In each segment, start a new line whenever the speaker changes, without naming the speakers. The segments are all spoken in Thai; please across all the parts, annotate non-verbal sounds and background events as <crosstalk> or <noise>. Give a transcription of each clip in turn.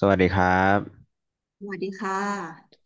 สวัสดีครับ
สวัสดีค่ะ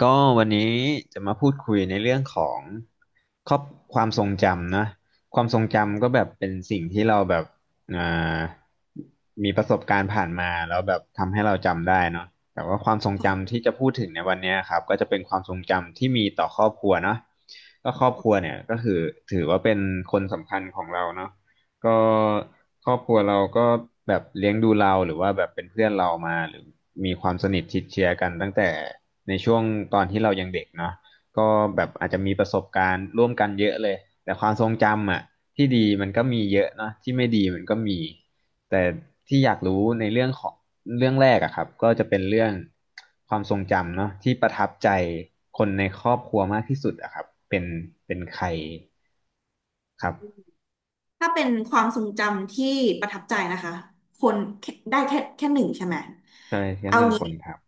ก็วันนี้จะมาพูดคุยในเรื่องของครอบความทรงจำนะความทรงจำก็แบบเป็นสิ่งที่เราแบบอ่ามีประสบการณ์ผ่านมาแล้วแบบทำให้เราจำได้เนาะแต่ว่าความทรงจำที่
ค่ะ
จะพูดถึงในวันเนี้ยครับก็จะเป็นความทรงจำที่มีต่อครอบครัวเนาะก็ครอบครัวเนี่ยก็คือถือว่าเป็นคนสำคัญของเราเนาะ ก็ครอบครัวเราก็แบบเลี้ยงดูเราหรือว่าแบบเป็นเพื่อนเรามาหรือมีความสนิทชิดเชื้อกันตั้งแต่ในช่วงตอนที่เรายังเด็กเนาะก็แบบอาจจะมีประสบการณ์ร่วมกันเยอะเลยแต่ความทรงจำอ่ะที่ดีมันก็มีเยอะเนาะที่ไม่ดีมันก็มีแต่ที่อยากรู้ในเรื่องของเรื่องแรกอะครับก็จะเป็นเรื่องความทรงจำเนาะที่ประทับใจคนในครอบครัวมากที่สุดอะครับเป็นใครครับ
ถ้าเป็นความทรงจำที่ประทับใจนะคะ คนแค่หนึ่งใช่ไหม
ใช่แค่
เอา
1
งี้
คนครับ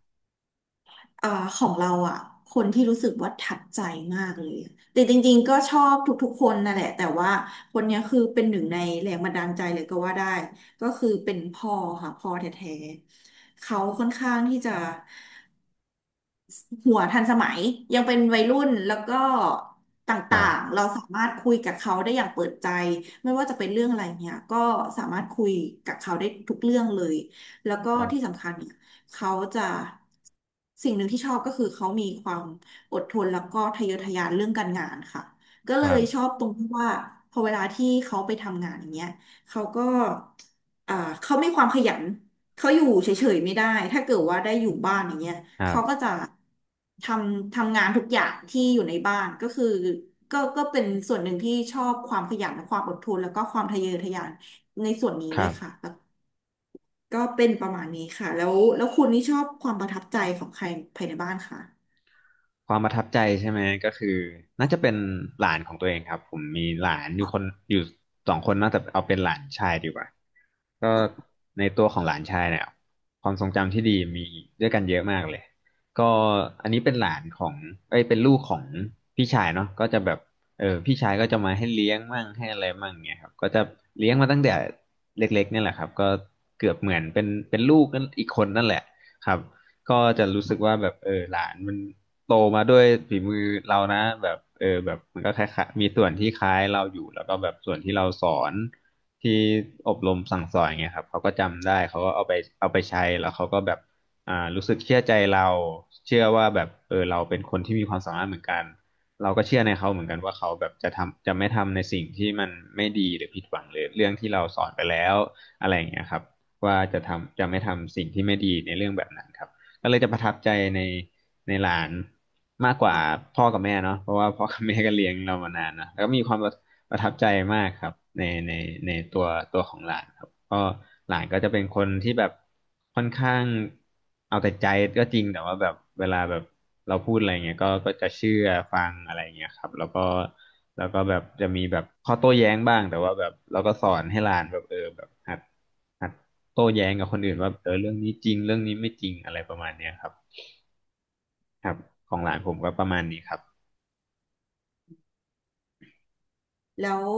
เอ่อของเราอ่ะคนที่รู้สึกว่าทับใจมากเลยแต่จริงๆก็ชอบทุกๆคนนั่นแหละ แต่ว่าคนเนี้ยคือเป็นหนึ่งในแรงบันดาลใจเลยก็ว่าได้ ก็คือเป็นพ่อค่ะ พ่อแท้ๆ เขาค่อนข้างที่จะ หัวทันสมัยยังเป็นวัยรุ่นแล้วก็ต
ครั
่าง
บ
ๆเราสามารถคุยกับเขาได้อย่างเปิดใจไม่ว่าจะเป็นเรื่องอะไรเนี่ยก็สามารถคุยกับเขาได้ทุกเรื่องเลยแล้วก็
ครั
ที่
บ
สำคัญเนี่ยเขาจะสิ่งหนึ่งที่ชอบก็คือเขามีความอดทนแล้วก็ทะเยอทะยานเรื่องการงานค่ะก็
ค
เล
รั
ย
บ
ชอบตรงที่ว่าพอเวลาที่เขาไปทำงานอย่างเงี้ยเขาก็อ่าเขามีความขยัน เขาอยู่เฉยๆไม่ได้ถ้าเกิดว่าได้อยู่บ้านอย่างเงี้ย
ครั
เขาก็
บ
จะททำงานทุกอย่างที่อยู่ในบ้านก็คือก็เป็นส่วนหนึ่งที่ชอบความขยันความอดทนแล้วก็ความทะเยอทะยานในส่วนนี้
ค
ด้ว
รั
ยค่ะ
บ
แล้วก็เป็นประมาณนี้ค่ะแล้วคุณนี่ชอบความประทับใจของใครภายในบ้านค่ะ
ความประทับใจใช่ไหมก็คือน่าจะเป็นหลานของตัวเองครับผมมีหลานอยู่คนอยู่2คนน่าจะเอาเป็นหลานชายดีกว่าก็ในตัวของหลานชายเนี่ยความทรงจำที่ดีมีด้วยกันเยอะมากเลยก็อันนี้เป็นหลานของเอ้ยเป็นลูกของพี่ชายเนาะก็จะแบบเออพี่ชายก็จะมาให้เลี้ยงมั่งให้อะไรมั่งเงี้ยครับก็จะเลี้ยงมาตั้งแต่เล็กๆเนี่ยแหละครับก็เกือบเหมือนเป็นลูกนั่นอีกคนนั่นแหละครับก็จะรู้สึกว่าแบบเออหลานมัน โตมาด้วยฝีมือเรานะแบบเออแบบมันก็คล้ายๆมีส่วนที่คล้ายเราอยู่แล้วก็แบบส่วนที่เราสอนที่อบรมสั่งสอนเงี้ยครับเขาก็จำได้เขาก็เอาไปใช้แล้วเขาก็แบบรู้สึกเชื่อใจเราเชื่อว่าแบบเออเราเป็นคนที่มีความสามารถเหมือนกันเราก็เชื่อในเขาเหมือนกันว่าเขาแบบจะทำจะไม่ทำในสิ่งที่มันไม่ดีหรือผิดหวังหรือเรื่องที่เราสอนไปแล้วอะไรอย่างเงี้ยครับว่าจะทำจะไม่ทำสิ่งที่ไม่ดีในเรื่องแบบนั้นครับ ก็เลยจะประทับใจในหลานมากกว่าพ่อกับแม่เนาะเพราะว่าพ่อกับแม่ก็เลี้ยงเรามานานนะแล้วก็มีความประประทับใจมากครับในในในตัวของหลานครับก็หลานก็จะเป็นคนที่แบบค่อนข้างเอาแต่ใจก็จริงแต่ว่าแบบเวลาแบบเราพูดอะไรเงี้ยก็ก็จะเชื่อฟังอะไรเงี้ยครับแล้วก็แบบจะมีแบบข้อโต้แย้งบ้างแต่ว่าแบบเราก็สอนให้หลานแบบเออแบบหัดหัด โต้แย้งกับคนอื่นว่าเออเรื่องนี้จริงเรื่องนี้ไม่จริงอะไรประมาณเนี้ยครับครับของหลานผมก็ประมาณนี้ครับ
แล้ว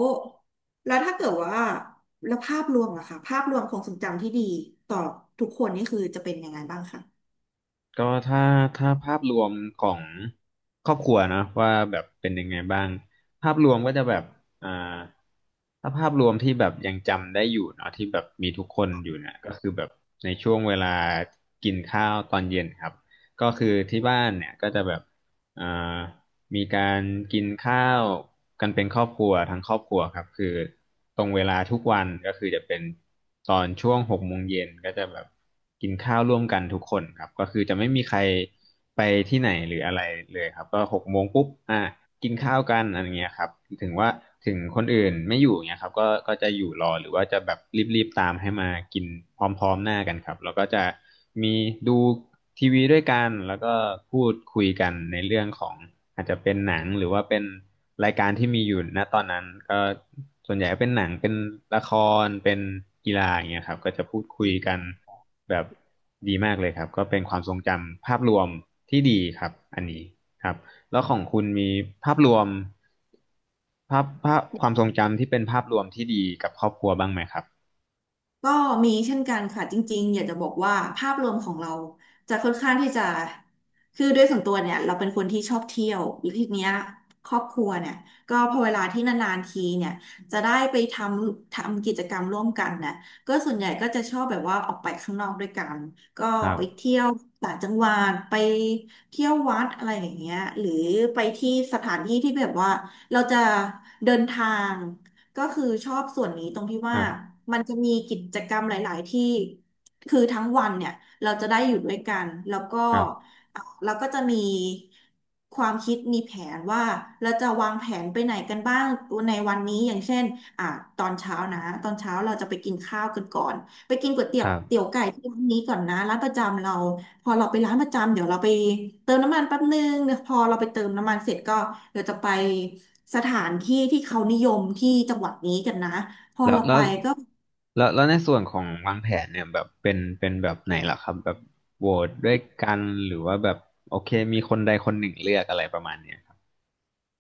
แล้วถ้าเกิดว่าแล้วภาพรวมอะค่ะภาพรวมของทรงจำที่ดีต่อทุกคนนี่คือจะเป็นยังไงบ้างคะ
ก็ถ้าภาพรวมของครอบครัวเนอะว่าแบบเป็นยังไงบ้างภาพรวมก็จะแบบอ่าถ้าภาพรวมที่แบบยังจำได้อยู่เนาะที่แบบมีทุกคนอยู่เนี่ยก็คือแบบในช่วงเวลากินข้าวตอนเย็นครับก็คือที่บ้านเนี่ยก็จะแบบ อ่ามีการกินข้าวกันเป็นครอบครัวทั้งครอบครัวครับคือตรงเวลาทุกวันก็คือจะเป็นตอนช่วงหกโมงเย็นก็จะแบบกินข้าวร่วมกันทุกคนครับก็คือจะไม่มีใครไปที่ไหนหรืออะไรเลยครับก็หกโมงปุ๊บกินข้าวกันอะไรเงี้ยครับถึงว่าถึงคนอื่นไม่อยู่เงี้ยครับก็ก็จะอยู่รอหรือว่าจะแบบรีบๆตามให้มากินพร้อมๆหน้ากันครับแล้วก็จะ มีดูทีวีด้วยกันแล้วก็พูดคุยกันในเรื่องของอาจจะเป็นหนังหรือว่าเป็นรายการที่มีอยู่ณตอนนั้นก็ส่วนใหญ่ก็เป็นหนังเป็นละครเป็นกีฬาอย่างเงี้ยครับก็จะพูดคุยกันแบบดีมากเลยครับก็เป็นความทรงจำภาพรวมที่ดีครับอันนี้ครับแล้วของคุณมีภาพรวมภาพความทรงจำที่เป็นภาพรวมที่ดีกับครอบครัวบ้างไหมครับ
ก็มีเช่นกันค่ะจริงๆอยากจะบอกว่าภาพรวมของเราจะค่อนข้างที่จะคือด้วยส่วนตัวเนี่ยเราเป็นคนที่ชอบเที่ยวหรือทีเนี้ยครอบครัวเนี่ยก็พอเวลาที่นานๆทีเนี่ยจะได้ไปทำกิจกรรมร่วมกันนะก็ส่วนใหญ่ก็จะชอบแบบว่าออกไปข้างนอกด้วยกันก็
ครั
ไป
บ
เที่ยวต่างจังหวัดไปเที่ยววัดอะไรอย่างเงี้ยหรือไปที่สถานที่ที่แบบว่าเราจะเดินทาง ก็คือชอบส่วนนี้ตรงที่
ค
ว่า
รับ
มันจะมีกิจกรรมหลายๆที่คือทั้งวันเนี่ยเราจะได้อยู่ด้วยกันแล้วก็
ครับ
เราก็จะมีความคิดมีแผนว่าเราจะวางแผนไปไหนกันบ้างในวันนี้อย่างเช่นอ่าตอนเช้านะตอนเช้าเราจะไปกินข้าวกันก่อนไปกินก๋วยเตี๋
ค
ยว
รั
เตี๋ยว
บ
ไก่ที่ร้านนี้ก่อนนะร้านประจำเรา พอเราไปร้านประจำเดี๋ยวเราไปเติมน้ำมันแป๊บนึงเดี๋ยวพอเราไปเติมน้ำมันเสร็จก็เดี๋ยวจะไปสถานที่ที่เขานิยมที่จังหวัดนี้กันนะพอ
แล้ว
เราไป
แล้ว
ก็
แล้วในส่วนของวางแผนเนี่ยแบบเป็นแบบไหนล่ะครับแบบโหวตด้วยกันหรือว่าแบบโอเคมีคนใดคนหนึ่งเลือกอะไรประมาณเนี้ยครับ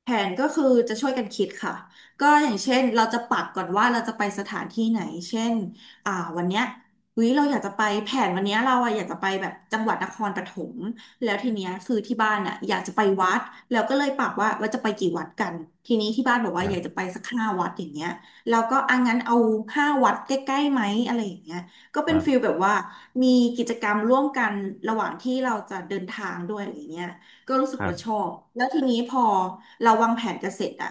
แผนก็คือจะช่วยกันคิดค่ะก็อย่างเช่นเราจะปักก่อนว่าเราจะไปสถานที่ไหนเช่นอ่าวันเนี้ยเฮ้ยเราอยากจะไปแผนวันเนี้ยเราอะอยากจะไปแบบจังหวัดนครปฐมแล้วทีเนี้ยคือที่บ้านอะอยากจะไปวัดแล้วก็เลยปักว่าจะไปกี่วัดกันทีนี้ที่บ้านบอก
ค
ว่า
รั
อยากจะไป
บ
สักห้าวัดอย่างเงี้ยเราก็อ่ะงั้นเอาห้าวัดใกล้ๆไหมอะไรอย่างเงี้ยก็เป็น
ค
ฟีลแบบว่ามีกิจกรรมร่วมกันระหว่างที่เราจะเดินทางด้วยอะไรเงี้ย ก็รู้สึก
รับ
ว่าชอบ แล้วทีนี้พอเราวางแผนกันเสร็จอะ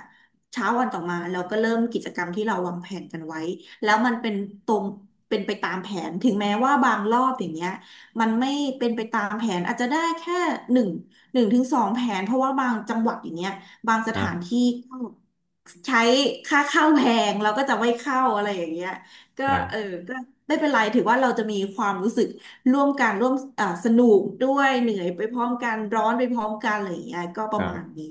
เช้าวันต่อมาเราก็เริ่มกิจกรรมที่เราวางแผนกันไว้แล้วมันเป็นตรงเป็นไปตามแผนถึงแม้ว่าบางรอบอย่างเงี้ยมันไม่เป็นไปตามแผนอาจจะได้แค่หนึ่งหนึ่งถึงสองแผนเพราะว่าบางจังหวัดอย่างเงี้ยบางส
ครั
ถาน
บ
ที่ก็ใช้ค่าเข้าแพงเราก็จะไม่เข้าอะไรอย่างเงี้ยก็
ครับค
เออ
รับ
ก็ไม่เป็นไรถือว่าเราจะมีความรู้สึก ร่วมกันร่วมสนุกด้วยเหนื่อยไปพร้อมกันร้อนไปพร้อมกันอะไรอย่างเงี้ยก็ป
ค
ระ
รับ
มาณนี้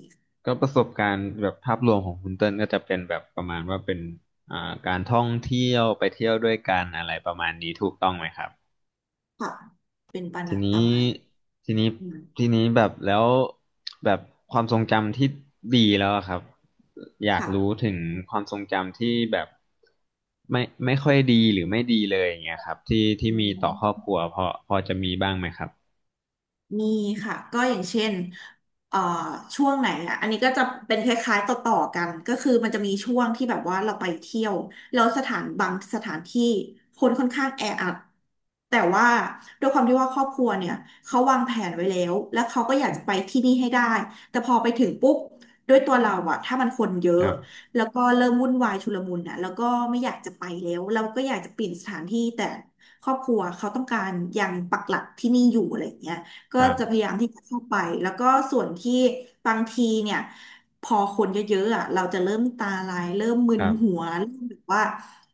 ก็ประสบการณ์แบบภาพรวมของคุณเติ้ลก็จะเป็นแบบประมาณว่าเป็นการท่องเที่ยวไปเที่ยวด้วยกันอะไรประมาณนี้ถูกต้องไหมครับ
ค่ะเป็นประ
ที
มาณป
นี้
ระมาณนั้
ทีนี้
น
ทีนี้แบบแล้วแบบความทรงจำที่ดีแล้วอะครับอยาก
ค่ะ
รู้ถึงความทรงจำที่แบบไม่ค่อยดีหรือไม่ดีเลยอย่างเงี้ยครับที่มีต่อครอบครัวพอจะมีบ้างไหมครับ
มีค่ะก็อย่างเช่นเอ่อช่วงไหนอ่ะอันนี้ก็จะเป็นคล้ายๆต่อๆกันก็คือมันจะมีช่วงที่แบบว่าเราไปเที่ยวแล้วสถานบางสถานที่คนค่อนข้างแออัดแต่ว่าด้วยความที่ว่าครอบครัวเนี่ยเขาวางแผนไว้แล้วแล้วเขาก็อยากจะไปที่นี่ให้ได้แต่พอไปถึงปุ๊บด้วยตัวเราอะถ้ามันคนเย
ค
อะ
รับ
แล้วก็เริ่มวุ่นวายชุลมุนอะแล้วก็ไม่อยากจะไปแล้วเราก็อยากจะเปลี่ยนสถานที่แต่ครอบครัวเขาต้องการยังปักหลักที่นี่อยู่อะไรอย่างเงี้ย ก็
ครับ
จะพยายามที่จะเข้าไป แล้วก็ส่วนที่บางทีเนี่ยพอคนเยอะๆอ่ะเราจะเริ่มตาลาย เริ่มมึ
ค
น
รั
หัว
บ
เริ่มแบบว่า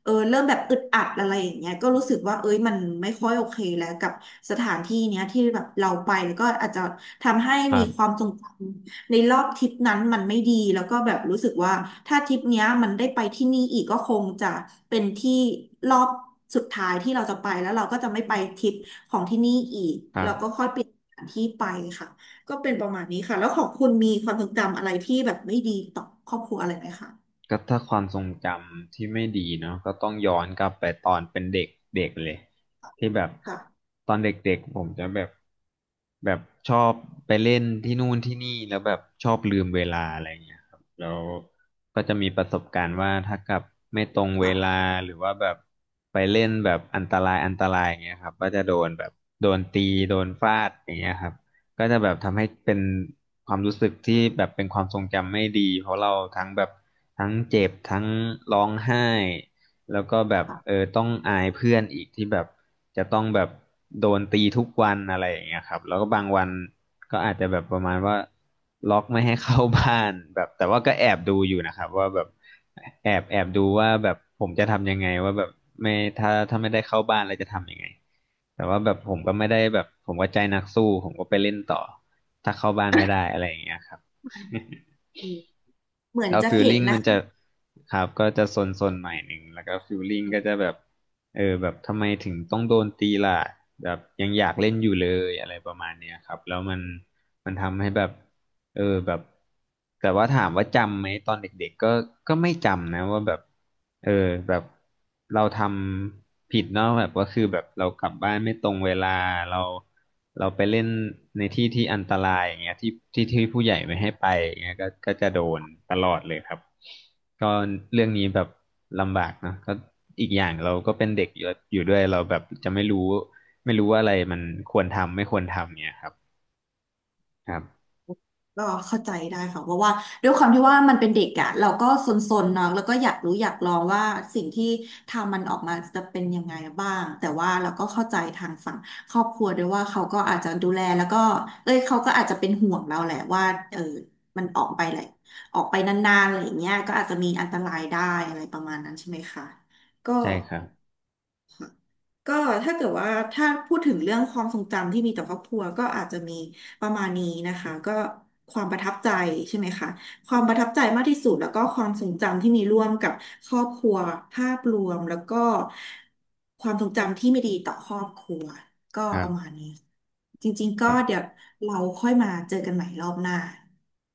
เริ่มแบบอึดอัดอะไรอย่างเงี้ยก็รู้สึกว่าเอ้ยมันไม่ค่อยโอเคแล้วกับสถานที่เนี้ยที่แบบเราไปแล้วก็อาจจะทำให้
ครั
มี
บ
ความทรงจำในรอบทริปนั้นมันไม่ดีแล้วก็แบบรู้สึกว่าถ้าทริปเนี้ยมันได้ไปที่นี่อีกก็คงจะเป็นที่รอบสุดท้ายที่เราจะไปแล้วเราก็จะไม่ไปทริปของที่นี่อีก
ครั
เราก็
บ
ค่อยเปลี่ยน ที่ไปค่ะก็เป็นประมาณนี้ค่ะแล้วของคุณมีความทรงจำอะไรที่แบบไม่ดีต่อครอบครัวอะไรไหมคะ
ก็ถ้าความทรงจำที่ไม่ดีเนาะก็ต้องย้อนกลับไปตอนเป็นเด็กเด็กเลยที่แบบ
ค่ะ
ตอนเด็กๆผมจะแบบชอบไปเล่นที่นู่นที่นี่แล้วแบบชอบลืมเวลาอะไรเงี้ยครับแล้วก็จะมีประสบการณ์ว่าถ้ากลับไม่ตรงเวลา
ค่ะ
หรือว่าแบบไปเล่นแบบอันตรายอันตรายอย่างเงี้ยครับก็จะโดนแบบโดนตี
อื
โดน
ม
ฟาดอย่างเงี้ยครับ ก็จะแบบทำให้เป็นความรู้สึกที่แบบเป็นความทรงจำไม่ดีเพราะเราทั้งแบบทั้งเจ็บทั้งร้องไห้แล้วก็แบบเอ
ค่ะ
อต้องอายเพื่อนอีกที่แบบจะต้องแบบโดนตีทุกวันอะไรอย่างเงี้ยครับแล้วก็บางวันก็อาจจะแบบประมาณว่าล็อกไม่ให้เข้าบ้านแบบแต่ว่าก็แอบดูอยู่นะครับว่าแบบแอบดูว่าแบบผมจะทำยังไงว่าแบบไม่ถ้าไม่ได้เข้าบ้านแล้วจะทำยังไง แต่ว่าแบบผมก็ไม่ได้แบบผมก็ใจนักสู้ผมก็ไปเล่นต่อถ้าเข้าบ้านไม่ได้อะไรอย่างเงี้ยครับ <laughs>
อืมเหมือน
แล้ว
จะ
ฟิล
เห็ุ
ลิ่ง
นะ
มัน
คะ
จะครับก็จะซนๆหน่อยหนึ่งแล้วก็ฟิลลิ่งก็จะแบบเออแบบทำไมถึงต้องโดนตีล่ะแบบยังอยากเล่นอยู่เลยอะไรประมาณเนี้ยครับแล้วมันทำให้แบบ เออแบบแต่ว่าถามว่าจำไหมตอนเด็กๆก็ไม่จำนะว่าแบบเออแบบเราทำผิดเนาะแบบว่าคือแบบเรากลับบ้านไม่ตรงเวลาเราเราไปเล่นในที่ที่อันตรายอย่างเงี้ยที่ที่ผู้ใหญ่ไม่ให้ไปอย่างเงี้ยก็จะโดนตลอดเลยครับก็เรื่องนี้แบบลำบากเนอะก็อีกอย่างเราก็เป็นเด็กอยู่ด้วยเราแบบจะไม่รู้ว่าอะไรมันควรทำไม่ควรทำเนี่ยครับครับ
ก็เข้าใจได้ค่ะเพราะว่าด้วยความที่ว่ามันเป็นเด็กอะเราก็ซนๆเนาะแล้วก็อยากรู้อยากลองว่าสิ่งที่ทำมันออกมาจะเป็นยังไงบ้างแต่ว่าเราก็เข้าใจทางฝั่งครอบครัวด้วยว่าเขาก็อาจจะดูแลแล้วก็เอ้ยเขาก็อาจจะเป็นห่วงเราแหละว่าเออมันออกไปแหละออกไปนานๆอะไรอย่างเงี้ยก็อาจจะมีอันตรายได้อะไรประมาณนั้นใช่ไหมคะก็
ใช่ครับ
ก็ถ้าเกิดว่าถ้าพูดถึงเรื่องความทรงจำที่มีต่อครอบครัวก็อาจจะมีประมาณนี้นะคะก็ความประทับใจใช่ไหมคะความประทับใจมากที่สุดแล้วก็ความทรงจำที่มีร่วมกับครอบครัวภาพรวมแล้วก็ความทรงจำที่ไม่ดีต่อครอบครัวก็
ครั
ป
บ
ระมาณนี้จริงๆก็เดี๋ยวเราค่อยมาเจอกันใหม่รอบหน้า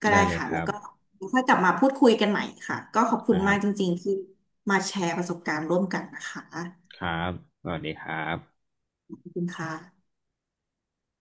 ก็ได้
ได้เลย
ค่ะ
ค
แล้
รั
ว
บ
ก็ค่อยกลับมาพูดคุยกันใหม่ค่ะก็ขอบ
ค
คุณ
รั
มากจ
บ
ริงๆที่มาแชร์ประสบการณ์ร่วมกันนะคะ
ครับสวัสดีครับ
ขอบคุณค่ะ